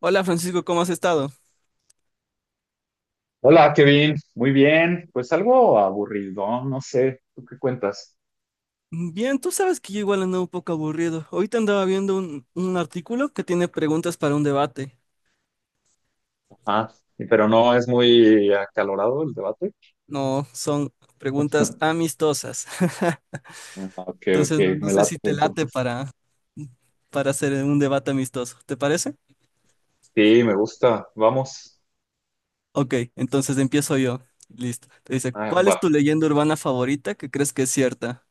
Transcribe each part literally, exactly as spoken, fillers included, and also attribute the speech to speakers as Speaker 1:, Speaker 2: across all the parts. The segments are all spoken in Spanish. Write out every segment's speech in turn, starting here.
Speaker 1: Hola Francisco, ¿cómo has estado?
Speaker 2: Hola, Kevin. Muy bien. Pues algo aburrido, no sé. ¿Tú qué cuentas?
Speaker 1: Bien, tú sabes que yo igual ando un poco aburrido. Ahorita andaba viendo un, un artículo que tiene preguntas para un debate.
Speaker 2: Ah, pero no es muy acalorado el debate.
Speaker 1: No, son preguntas amistosas.
Speaker 2: Ah, ok, ok.
Speaker 1: Entonces no, no
Speaker 2: Me
Speaker 1: sé
Speaker 2: late
Speaker 1: si te late
Speaker 2: entonces.
Speaker 1: para, para hacer un debate amistoso. ¿Te parece?
Speaker 2: Sí, me gusta. Vamos.
Speaker 1: Ok, entonces empiezo yo. Listo. Te dice,
Speaker 2: Ah,
Speaker 1: ¿cuál es
Speaker 2: va.
Speaker 1: tu leyenda urbana favorita que crees que es cierta?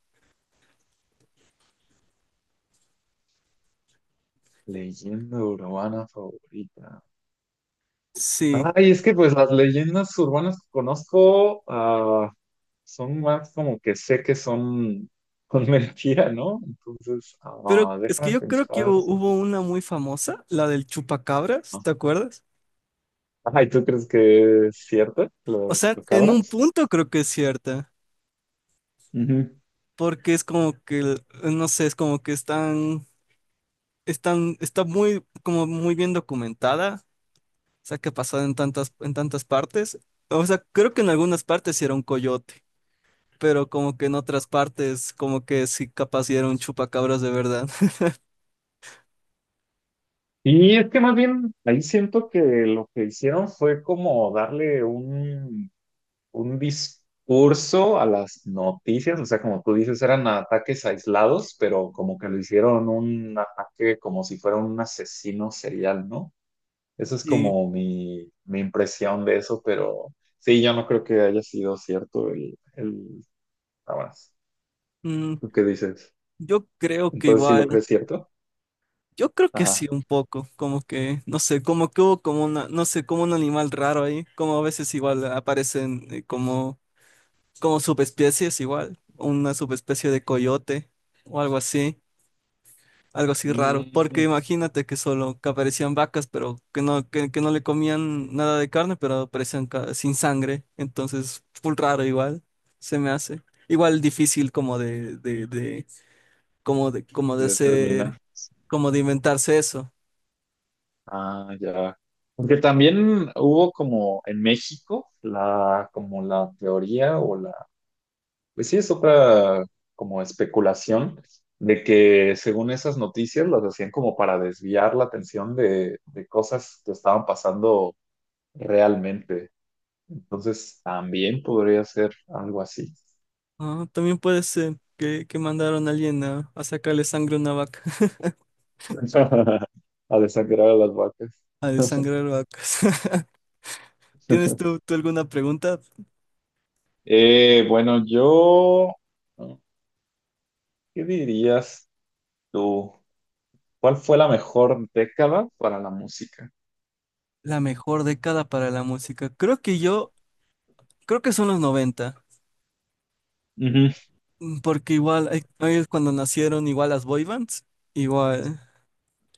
Speaker 2: Leyenda urbana favorita.
Speaker 1: Sí,
Speaker 2: Ay, es que pues las leyendas urbanas que conozco ah, son más como que sé que son, son mentira, ¿no? Entonces,
Speaker 1: pero
Speaker 2: ah,
Speaker 1: es que
Speaker 2: déjame
Speaker 1: yo creo que
Speaker 2: pensar
Speaker 1: hu- hubo
Speaker 2: tantito.
Speaker 1: una muy famosa, la del chupacabras, ¿te acuerdas?
Speaker 2: Ajá, ¿y tú crees que es cierto lo
Speaker 1: O
Speaker 2: de
Speaker 1: sea, en un
Speaker 2: chupacabras?
Speaker 1: punto creo que es cierta,
Speaker 2: Ujú.
Speaker 1: porque es como que, no sé, es como que están, están, está muy, como muy bien documentada. O sea, que ha pasado en tantas, en tantas partes. O sea, creo que en algunas partes sí era un coyote, pero como que en otras partes, como que sí capaz sí era un chupacabras de verdad.
Speaker 2: Y es que más bien ahí siento que lo que hicieron fue como darle un, un discurso a las noticias, o sea, como tú dices, eran ataques aislados, pero como que lo hicieron un ataque como si fuera un asesino serial, ¿no? Esa es
Speaker 1: Y
Speaker 2: como mi, mi impresión de eso, pero sí, yo no creo que haya sido cierto el, el, nada más.
Speaker 1: mm,
Speaker 2: ¿Tú qué dices?
Speaker 1: yo creo que
Speaker 2: Entonces, ¿sí lo
Speaker 1: igual,
Speaker 2: crees cierto?
Speaker 1: yo creo que sí
Speaker 2: Ajá.
Speaker 1: un poco, como que, no sé, como que hubo como una, no sé, como un animal raro ahí, como a veces igual aparecen eh, como como subespecies igual, una subespecie de coyote o algo así, algo así, raro, porque
Speaker 2: Mm,
Speaker 1: imagínate que solo que aparecían vacas, pero que no, que, que no le comían nada de carne, pero aparecían ca- sin sangre, entonces full raro igual, se me hace. Igual difícil como de, de, de, como de, como de
Speaker 2: de- Termina.
Speaker 1: ser, como de inventarse eso.
Speaker 2: Ah, ya. Porque también hubo como en México la, como la teoría o la, pues sí, es otra como especulación de que según esas noticias las hacían como para desviar la atención de, de cosas que estaban pasando realmente. Entonces también podría ser algo así.
Speaker 1: Ah, también puede ser que, que mandaron a alguien a, a sacarle sangre a una vaca,
Speaker 2: A desangrar a las vacas.
Speaker 1: a desangrar vacas. ¿Tienes tú, tú alguna pregunta?
Speaker 2: Eh, bueno, yo, ¿qué dirías tú? ¿Cuál fue la mejor década para la música?
Speaker 1: La mejor década para la música. Creo que yo, creo que son los noventa.
Speaker 2: Ujú.
Speaker 1: Mm, porque igual ahí ahí es cuando nacieron igual las boy bands. igual,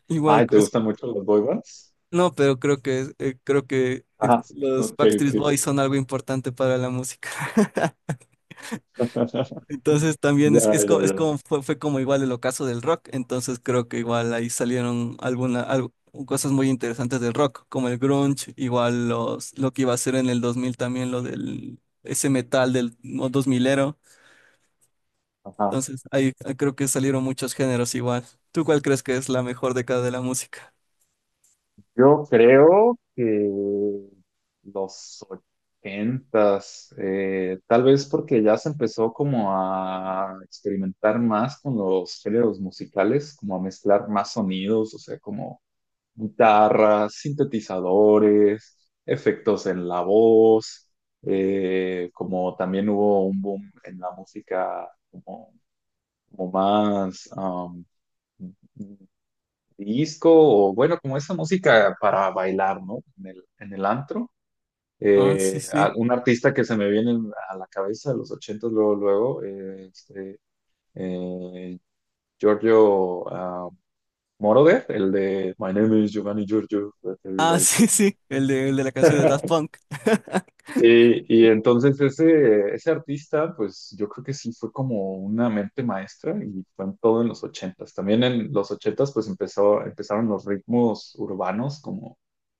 Speaker 1: igual,
Speaker 2: Ay, ¿te
Speaker 1: es-
Speaker 2: gustan mucho los boy bands?
Speaker 1: no, pero creo que, eh, creo que eh,
Speaker 2: Ajá, ok,
Speaker 1: los
Speaker 2: ok.
Speaker 1: Backstreet Boys son algo importante para la música. Entonces también
Speaker 2: Ya,
Speaker 1: es, es,
Speaker 2: ya,
Speaker 1: co- es
Speaker 2: ya.
Speaker 1: como, fue, fue como igual el ocaso del rock, entonces creo que igual ahí salieron alguna, al- cosas muy interesantes del rock, como el grunge, igual los, lo que iba a ser en el dos mil también, lo del, ese metal del dos milero.
Speaker 2: Ajá.
Speaker 1: Entonces, ahí ahí creo que salieron muchos géneros igual. ¿Tú cuál crees que es la mejor década de la música?
Speaker 2: Yo creo que los ochentas, eh, tal vez porque ya se empezó como a experimentar más con los géneros musicales, como a mezclar más sonidos, o sea, como guitarras, sintetizadores, efectos en la voz, eh, como también hubo un boom en la música como, como más um, disco o bueno, como esa música para bailar, ¿no? En el, en el antro.
Speaker 1: Ah, sí,
Speaker 2: Eh,
Speaker 1: sí.
Speaker 2: a- un artista que se me viene a la cabeza de los ochentas luego, luego, eh, este, eh, Giorgio ah, Moroder, el de My name is Giovanni Giorgio, but
Speaker 1: Ah,
Speaker 2: everybody
Speaker 1: sí,
Speaker 2: calls.
Speaker 1: sí. El de, el de la canción de Daft Punk.
Speaker 2: Sí, y entonces ese, ese artista, pues yo creo que sí fue como una mente maestra y fue en todo en los ochentas. También en los ochentas pues empezó, empezaron los ritmos urbanos como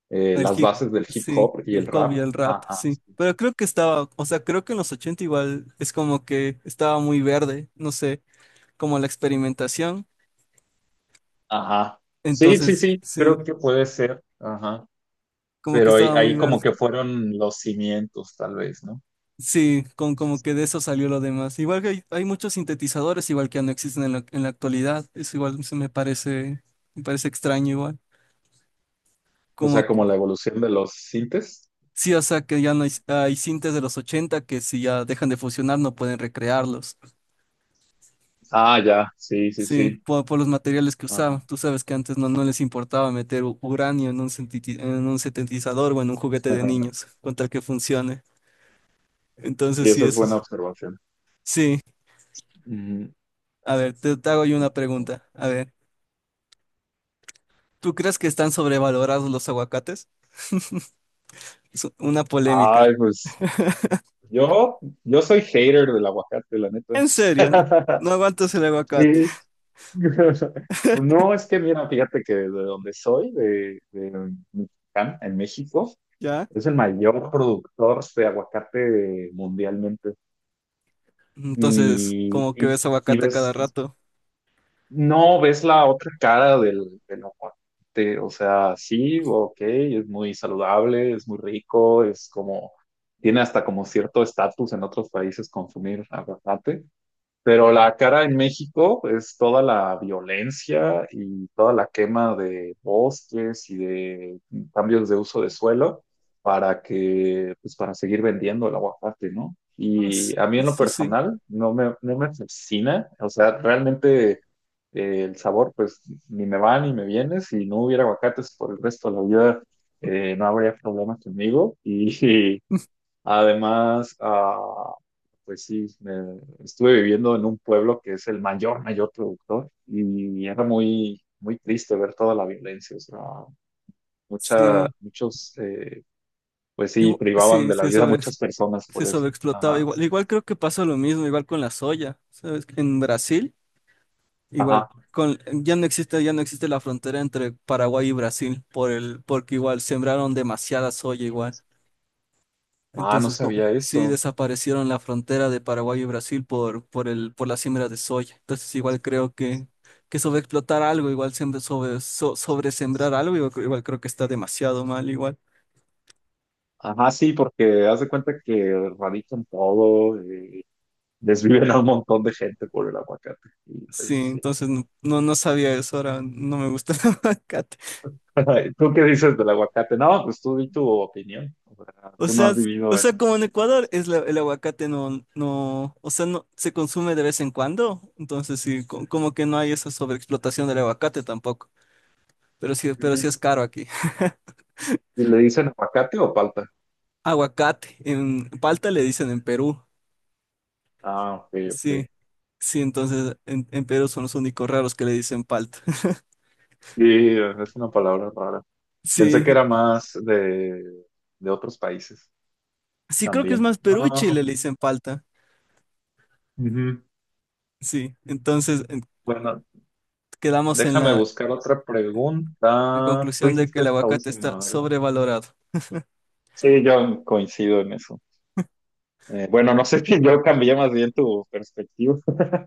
Speaker 2: eh,
Speaker 1: El
Speaker 2: las
Speaker 1: hip,
Speaker 2: bases del hip
Speaker 1: sí,
Speaker 2: hop y
Speaker 1: hip
Speaker 2: el
Speaker 1: hop
Speaker 2: rap.
Speaker 1: y el rap,
Speaker 2: Ajá,
Speaker 1: sí. Pero creo que estaba, o sea, creo que en los ochenta igual es como que estaba muy verde, no sé, como la experimentación.
Speaker 2: ajá. Sí, sí,
Speaker 1: Entonces,
Speaker 2: sí,
Speaker 1: sí,
Speaker 2: creo que puede ser. Ajá.
Speaker 1: como que
Speaker 2: Pero ahí,
Speaker 1: estaba muy
Speaker 2: ahí como
Speaker 1: verde.
Speaker 2: que fueron los cimientos tal vez, ¿no?
Speaker 1: Sí, con, como que de eso salió lo demás. Igual que hay, hay muchos sintetizadores, igual que ya no existen en la, en la actualidad. Eso igual se me parece, me parece extraño igual.
Speaker 2: O sea,
Speaker 1: Como
Speaker 2: como
Speaker 1: que
Speaker 2: la evolución de los sintes.
Speaker 1: sí, o sea que ya no hay, hay sintes de los ochenta que si ya dejan de funcionar no pueden recrearlos.
Speaker 2: Ah, ya, sí, sí,
Speaker 1: Sí,
Speaker 2: sí.
Speaker 1: por, por los materiales que usaban.
Speaker 2: Ajá.
Speaker 1: Tú sabes que antes no, no les importaba meter u- uranio en un, sinteti- en un sintetizador o en un juguete de niños, con tal que funcione.
Speaker 2: Sí,
Speaker 1: Entonces sí.
Speaker 2: esa es
Speaker 1: eso
Speaker 2: buena
Speaker 1: es-
Speaker 2: observación.
Speaker 1: Sí,
Speaker 2: Ujú.
Speaker 1: a ver, te, te hago yo
Speaker 2: Y
Speaker 1: una
Speaker 2: bueno,
Speaker 1: pregunta. A ver. ¿Tú crees que están sobrevalorados los aguacates? Es una
Speaker 2: ay,
Speaker 1: polémica.
Speaker 2: pues yo, yo soy hater del aguacate, la neta.
Speaker 1: En serio, no aguantas el aguacate,
Speaker 2: Sí. No, es que mira, fíjate que de donde soy, de, de Michoacán, en México,
Speaker 1: ¿ya?
Speaker 2: es el mayor productor de aguacate mundialmente.
Speaker 1: Entonces,
Speaker 2: Y,
Speaker 1: como que
Speaker 2: y,
Speaker 1: ves
Speaker 2: y
Speaker 1: aguacate a cada
Speaker 2: ves,
Speaker 1: rato.
Speaker 2: no ves la otra cara del, del aguacate. O sea, sí, ok, es muy saludable, es muy rico, es como, tiene hasta como cierto estatus en otros países consumir aguacate, pero la cara en México es toda la violencia y toda la quema de bosques y de cambios de uso de suelo para que, pues para seguir vendiendo el aguacate, ¿no?
Speaker 1: Ah, s-
Speaker 2: Y a mí en lo
Speaker 1: eso sí,
Speaker 2: personal no me, no me fascina, o sea, realmente eh, el sabor pues ni me va ni me viene, si no hubiera aguacates por el resto de la vida eh, no habría problema conmigo y Además, ah, pues sí, me- estuve viviendo en un pueblo que es el mayor, mayor productor y era muy, muy triste ver toda la violencia. O sea, mucha,
Speaker 1: sí,
Speaker 2: muchos, eh, pues sí,
Speaker 1: igu-
Speaker 2: privaban
Speaker 1: sí,
Speaker 2: de la
Speaker 1: se
Speaker 2: vida a
Speaker 1: sobre,
Speaker 2: muchas personas
Speaker 1: se
Speaker 2: por eso.
Speaker 1: sobreexplotaba.
Speaker 2: Ajá,
Speaker 1: Igual, igual creo que pasó lo mismo, igual con la soya, ¿sabes? En Brasil, igual
Speaker 2: ajá.
Speaker 1: con, ya no existe, ya no existe la frontera entre Paraguay y Brasil por el, porque igual sembraron demasiada soya igual.
Speaker 2: Ah, no
Speaker 1: Entonces, con,
Speaker 2: sabía
Speaker 1: sí
Speaker 2: eso.
Speaker 1: desaparecieron la frontera de Paraguay y Brasil por, por el, por la siembra de soya. Entonces, igual creo que, que sobreexplotar algo, igual siempre sobre, so- sobresembrar algo, igual, creo igual creo que está demasiado mal, igual.
Speaker 2: Ajá, sí, porque haz de cuenta que radican todo, eh, desviven a un montón de gente por el aguacate. Y
Speaker 1: Sí,
Speaker 2: pues sí,
Speaker 1: entonces no, no, no sabía eso, ahora no me gusta el aguacate.
Speaker 2: ¿Tú qué dices del aguacate? No, pues tú di tu opinión. O sea,
Speaker 1: O
Speaker 2: tú no
Speaker 1: sea,
Speaker 2: has
Speaker 1: s- o
Speaker 2: vivido en
Speaker 1: sea, como en
Speaker 2: por
Speaker 1: Ecuador
Speaker 2: eso.
Speaker 1: es la- el aguacate no, no, o sea, no se consume de vez en cuando, entonces sí, co- como que no hay esa sobreexplotación del aguacate tampoco, pero sí, pero
Speaker 2: Ujú.
Speaker 1: sí es caro aquí.
Speaker 2: ¿Y le dicen aguacate o palta?
Speaker 1: Aguacate, en palta le dicen en Perú.
Speaker 2: Ah, ok,
Speaker 1: Sí,
Speaker 2: ok.
Speaker 1: sí, entonces en, en Perú son los únicos raros que le dicen palta.
Speaker 2: Sí, es una palabra rara. Pensé que
Speaker 1: Sí,
Speaker 2: era más de, de otros países
Speaker 1: sí, creo que es
Speaker 2: también.
Speaker 1: más Perú y
Speaker 2: Ah,
Speaker 1: Chile le dicen palta.
Speaker 2: ujú.
Speaker 1: Sí, entonces en-
Speaker 2: Bueno,
Speaker 1: quedamos en
Speaker 2: déjame
Speaker 1: la,
Speaker 2: buscar otra
Speaker 1: la
Speaker 2: pregunta. Tú
Speaker 1: conclusión de que
Speaker 2: hiciste
Speaker 1: el
Speaker 2: esta
Speaker 1: aguacate está
Speaker 2: última, ¿verdad?
Speaker 1: sobrevalorado.
Speaker 2: Sí, yo coincido en eso. Eh, bueno, no sé si yo cambié más bien tu perspectiva,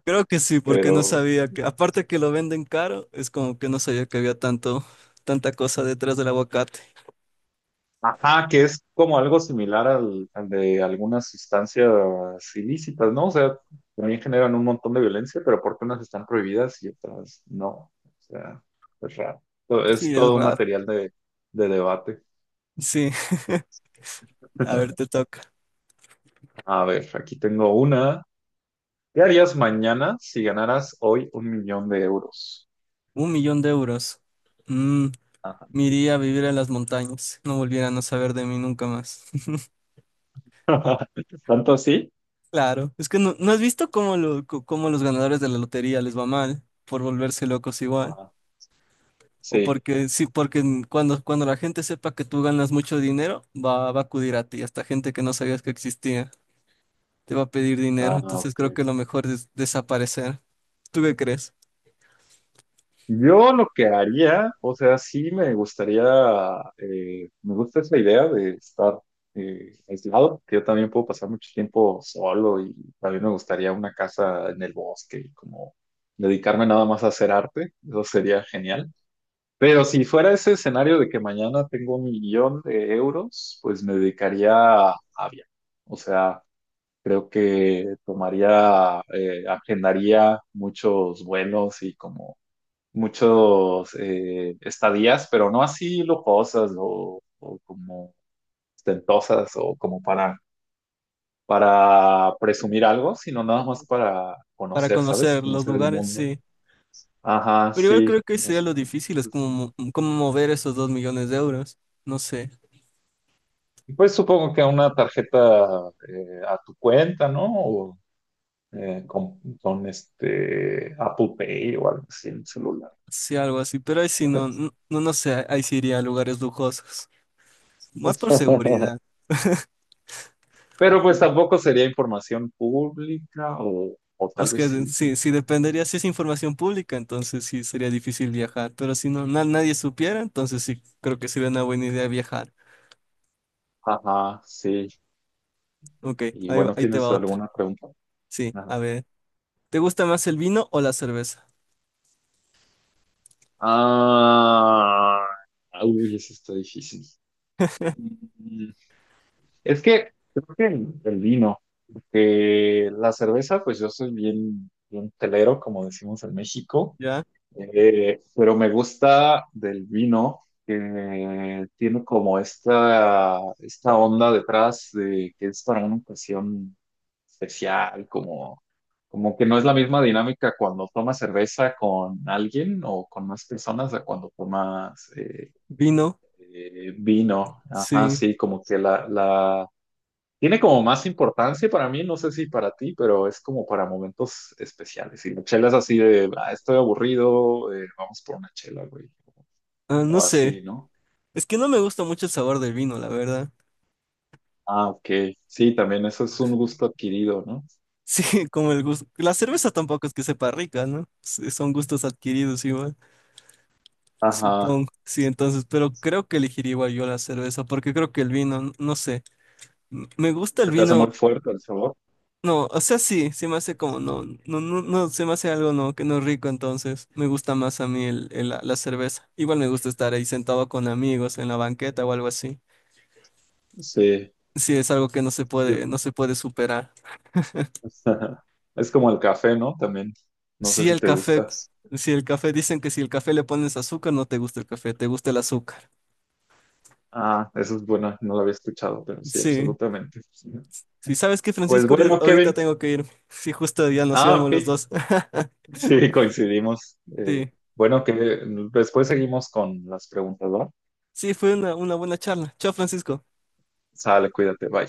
Speaker 1: Creo que sí, porque no
Speaker 2: pero...
Speaker 1: sabía que, aparte que lo venden caro, es como que no sabía que había tanto, tanta cosa detrás del aguacate.
Speaker 2: Ajá, que es como algo similar al, al de algunas sustancias ilícitas, ¿no? O sea, también generan un montón de violencia, pero porque unas están prohibidas y otras no. O sea, es raro. To- Es
Speaker 1: Sí, es
Speaker 2: todo un
Speaker 1: raro.
Speaker 2: material de, de debate.
Speaker 1: Sí, a ver, te toca.
Speaker 2: A ver, aquí tengo una. ¿Qué harías mañana si ganaras hoy un millón de euros?
Speaker 1: Un millón de euros. mm,
Speaker 2: Ajá.
Speaker 1: Me iría a vivir a las montañas, no volvieran a no saber de mí nunca más.
Speaker 2: ¿Tanto así?
Speaker 1: Claro, es que no, ¿no has visto cómo, lo, co- cómo los ganadores de la lotería les va mal por volverse locos igual?
Speaker 2: Ajá.
Speaker 1: O
Speaker 2: Sí.
Speaker 1: porque sí, porque en- cuando, cuando la gente sepa que tú ganas mucho dinero, va, va a acudir a ti, hasta gente que no sabías que existía, te va a pedir dinero,
Speaker 2: Ah,
Speaker 1: entonces
Speaker 2: ok.
Speaker 1: creo que lo mejor es desaparecer. ¿Tú qué crees?
Speaker 2: Yo lo que haría, o sea, sí me gustaría, eh, me gusta esa idea de estar eh, aislado, que yo también puedo pasar mucho tiempo solo y también me gustaría una casa en el bosque y como dedicarme nada más a hacer arte, eso sería genial. Pero si fuera ese escenario de que mañana tengo un millón de euros, pues me dedicaría a viajar. O sea, creo que tomaría, eh, agendaría muchos vuelos y como muchos eh, estadías, pero no así lujosas o, o como ostentosas o como para, para presumir algo, sino nada más para
Speaker 1: Para
Speaker 2: conocer, ¿sabes?
Speaker 1: conocer los
Speaker 2: Conocer el
Speaker 1: lugares,
Speaker 2: mundo.
Speaker 1: sí.
Speaker 2: Ajá,
Speaker 1: Pero igual creo
Speaker 2: sí,
Speaker 1: que
Speaker 2: no
Speaker 1: sería
Speaker 2: sé.
Speaker 1: lo
Speaker 2: Como que
Speaker 1: difícil, es
Speaker 2: eso es
Speaker 1: como,
Speaker 2: mi-
Speaker 1: mo- como mover esos dos millones de euros, no sé.
Speaker 2: Y pues supongo que una tarjeta eh, a tu cuenta, ¿no? O eh, con, con este Apple Pay o algo así en el celular.
Speaker 1: Sí, algo así, pero ahí sí no, no, no no sé, ahí sí iría a lugares lujosos, más por seguridad.
Speaker 2: Pero
Speaker 1: Sí.
Speaker 2: pues tampoco sería información pública o, o
Speaker 1: O
Speaker 2: tal
Speaker 1: es
Speaker 2: vez
Speaker 1: que de-
Speaker 2: sí, quién
Speaker 1: sí, sí,
Speaker 2: sabe.
Speaker 1: dependería si es información pública, entonces sí sería difícil viajar, pero si no, na- nadie supiera, entonces sí, creo que sería una buena idea viajar.
Speaker 2: Ajá, sí.
Speaker 1: Ok,
Speaker 2: Y
Speaker 1: ahí, va-
Speaker 2: bueno,
Speaker 1: ahí te
Speaker 2: ¿tienes
Speaker 1: va otra.
Speaker 2: alguna pregunta?
Speaker 1: Sí,
Speaker 2: Nada.
Speaker 1: a ver, ¿te gusta más el vino o la cerveza?
Speaker 2: Ah, uy, eso está difícil. Mm. Es que creo que el, el vino, porque la cerveza, pues yo soy bien, bien telero, como decimos en México.
Speaker 1: ¿Ya?
Speaker 2: Eh, pero me gusta del vino que tiene como esta, esta onda detrás de que es para una ocasión especial, como, como que no es la misma dinámica cuando tomas cerveza con alguien o con más personas a cuando tomas eh,
Speaker 1: ¿Vino?
Speaker 2: eh, vino. Ajá,
Speaker 1: Sí,
Speaker 2: sí, como que la, la, tiene como más importancia para mí, no sé si para ti, pero es como para momentos especiales. Y la chela es así de, ah, estoy aburrido, eh, vamos por una chela, güey.
Speaker 1: ah, no
Speaker 2: O
Speaker 1: sé,
Speaker 2: así, ¿no?
Speaker 1: es que no me gusta mucho el sabor del vino, la verdad.
Speaker 2: Ah, ok. Sí, también eso es un gusto adquirido, ¿no?
Speaker 1: Sí, como el gusto. La cerveza tampoco es que sepa rica, ¿no? Sí, son gustos adquiridos igual.
Speaker 2: Ajá.
Speaker 1: Supongo, sí, entonces, pero creo que elegiría igual yo la cerveza, porque creo que el vino, n- no sé, m- me gusta el
Speaker 2: Se te hace muy
Speaker 1: vino,
Speaker 2: fuerte el sabor.
Speaker 1: no, o sea, sí, se me hace como, no, no, no, no, se me hace algo, no, que no es rico, entonces, me gusta más a mí el, el- la, la cerveza. Igual me gusta estar ahí sentado con amigos en la banqueta o algo así.
Speaker 2: Sí.
Speaker 1: Sí, es algo que no se puede,
Speaker 2: Yo-
Speaker 1: no se puede superar.
Speaker 2: Es como el café, ¿no? También. No sé
Speaker 1: Sí,
Speaker 2: si
Speaker 1: el
Speaker 2: te
Speaker 1: café,
Speaker 2: gustas.
Speaker 1: si el café, dicen que si el café le pones azúcar, no te gusta el café, te gusta el azúcar.
Speaker 2: Ah, eso es bueno, no lo había escuchado, pero sí,
Speaker 1: Sí.
Speaker 2: absolutamente.
Speaker 1: Si sabes que
Speaker 2: Pues
Speaker 1: Francisco, ahorita
Speaker 2: bueno, Kevin.
Speaker 1: ahorita tengo que irme. Sí, justo ya nos
Speaker 2: Ah,
Speaker 1: íbamos
Speaker 2: ok.
Speaker 1: los dos.
Speaker 2: Sí, coincidimos. Eh,
Speaker 1: Sí,
Speaker 2: bueno, que después seguimos con las preguntas, ¿va?
Speaker 1: sí, fue una, una buena charla. Chao, Francisco.
Speaker 2: Sale, cuídate, bye.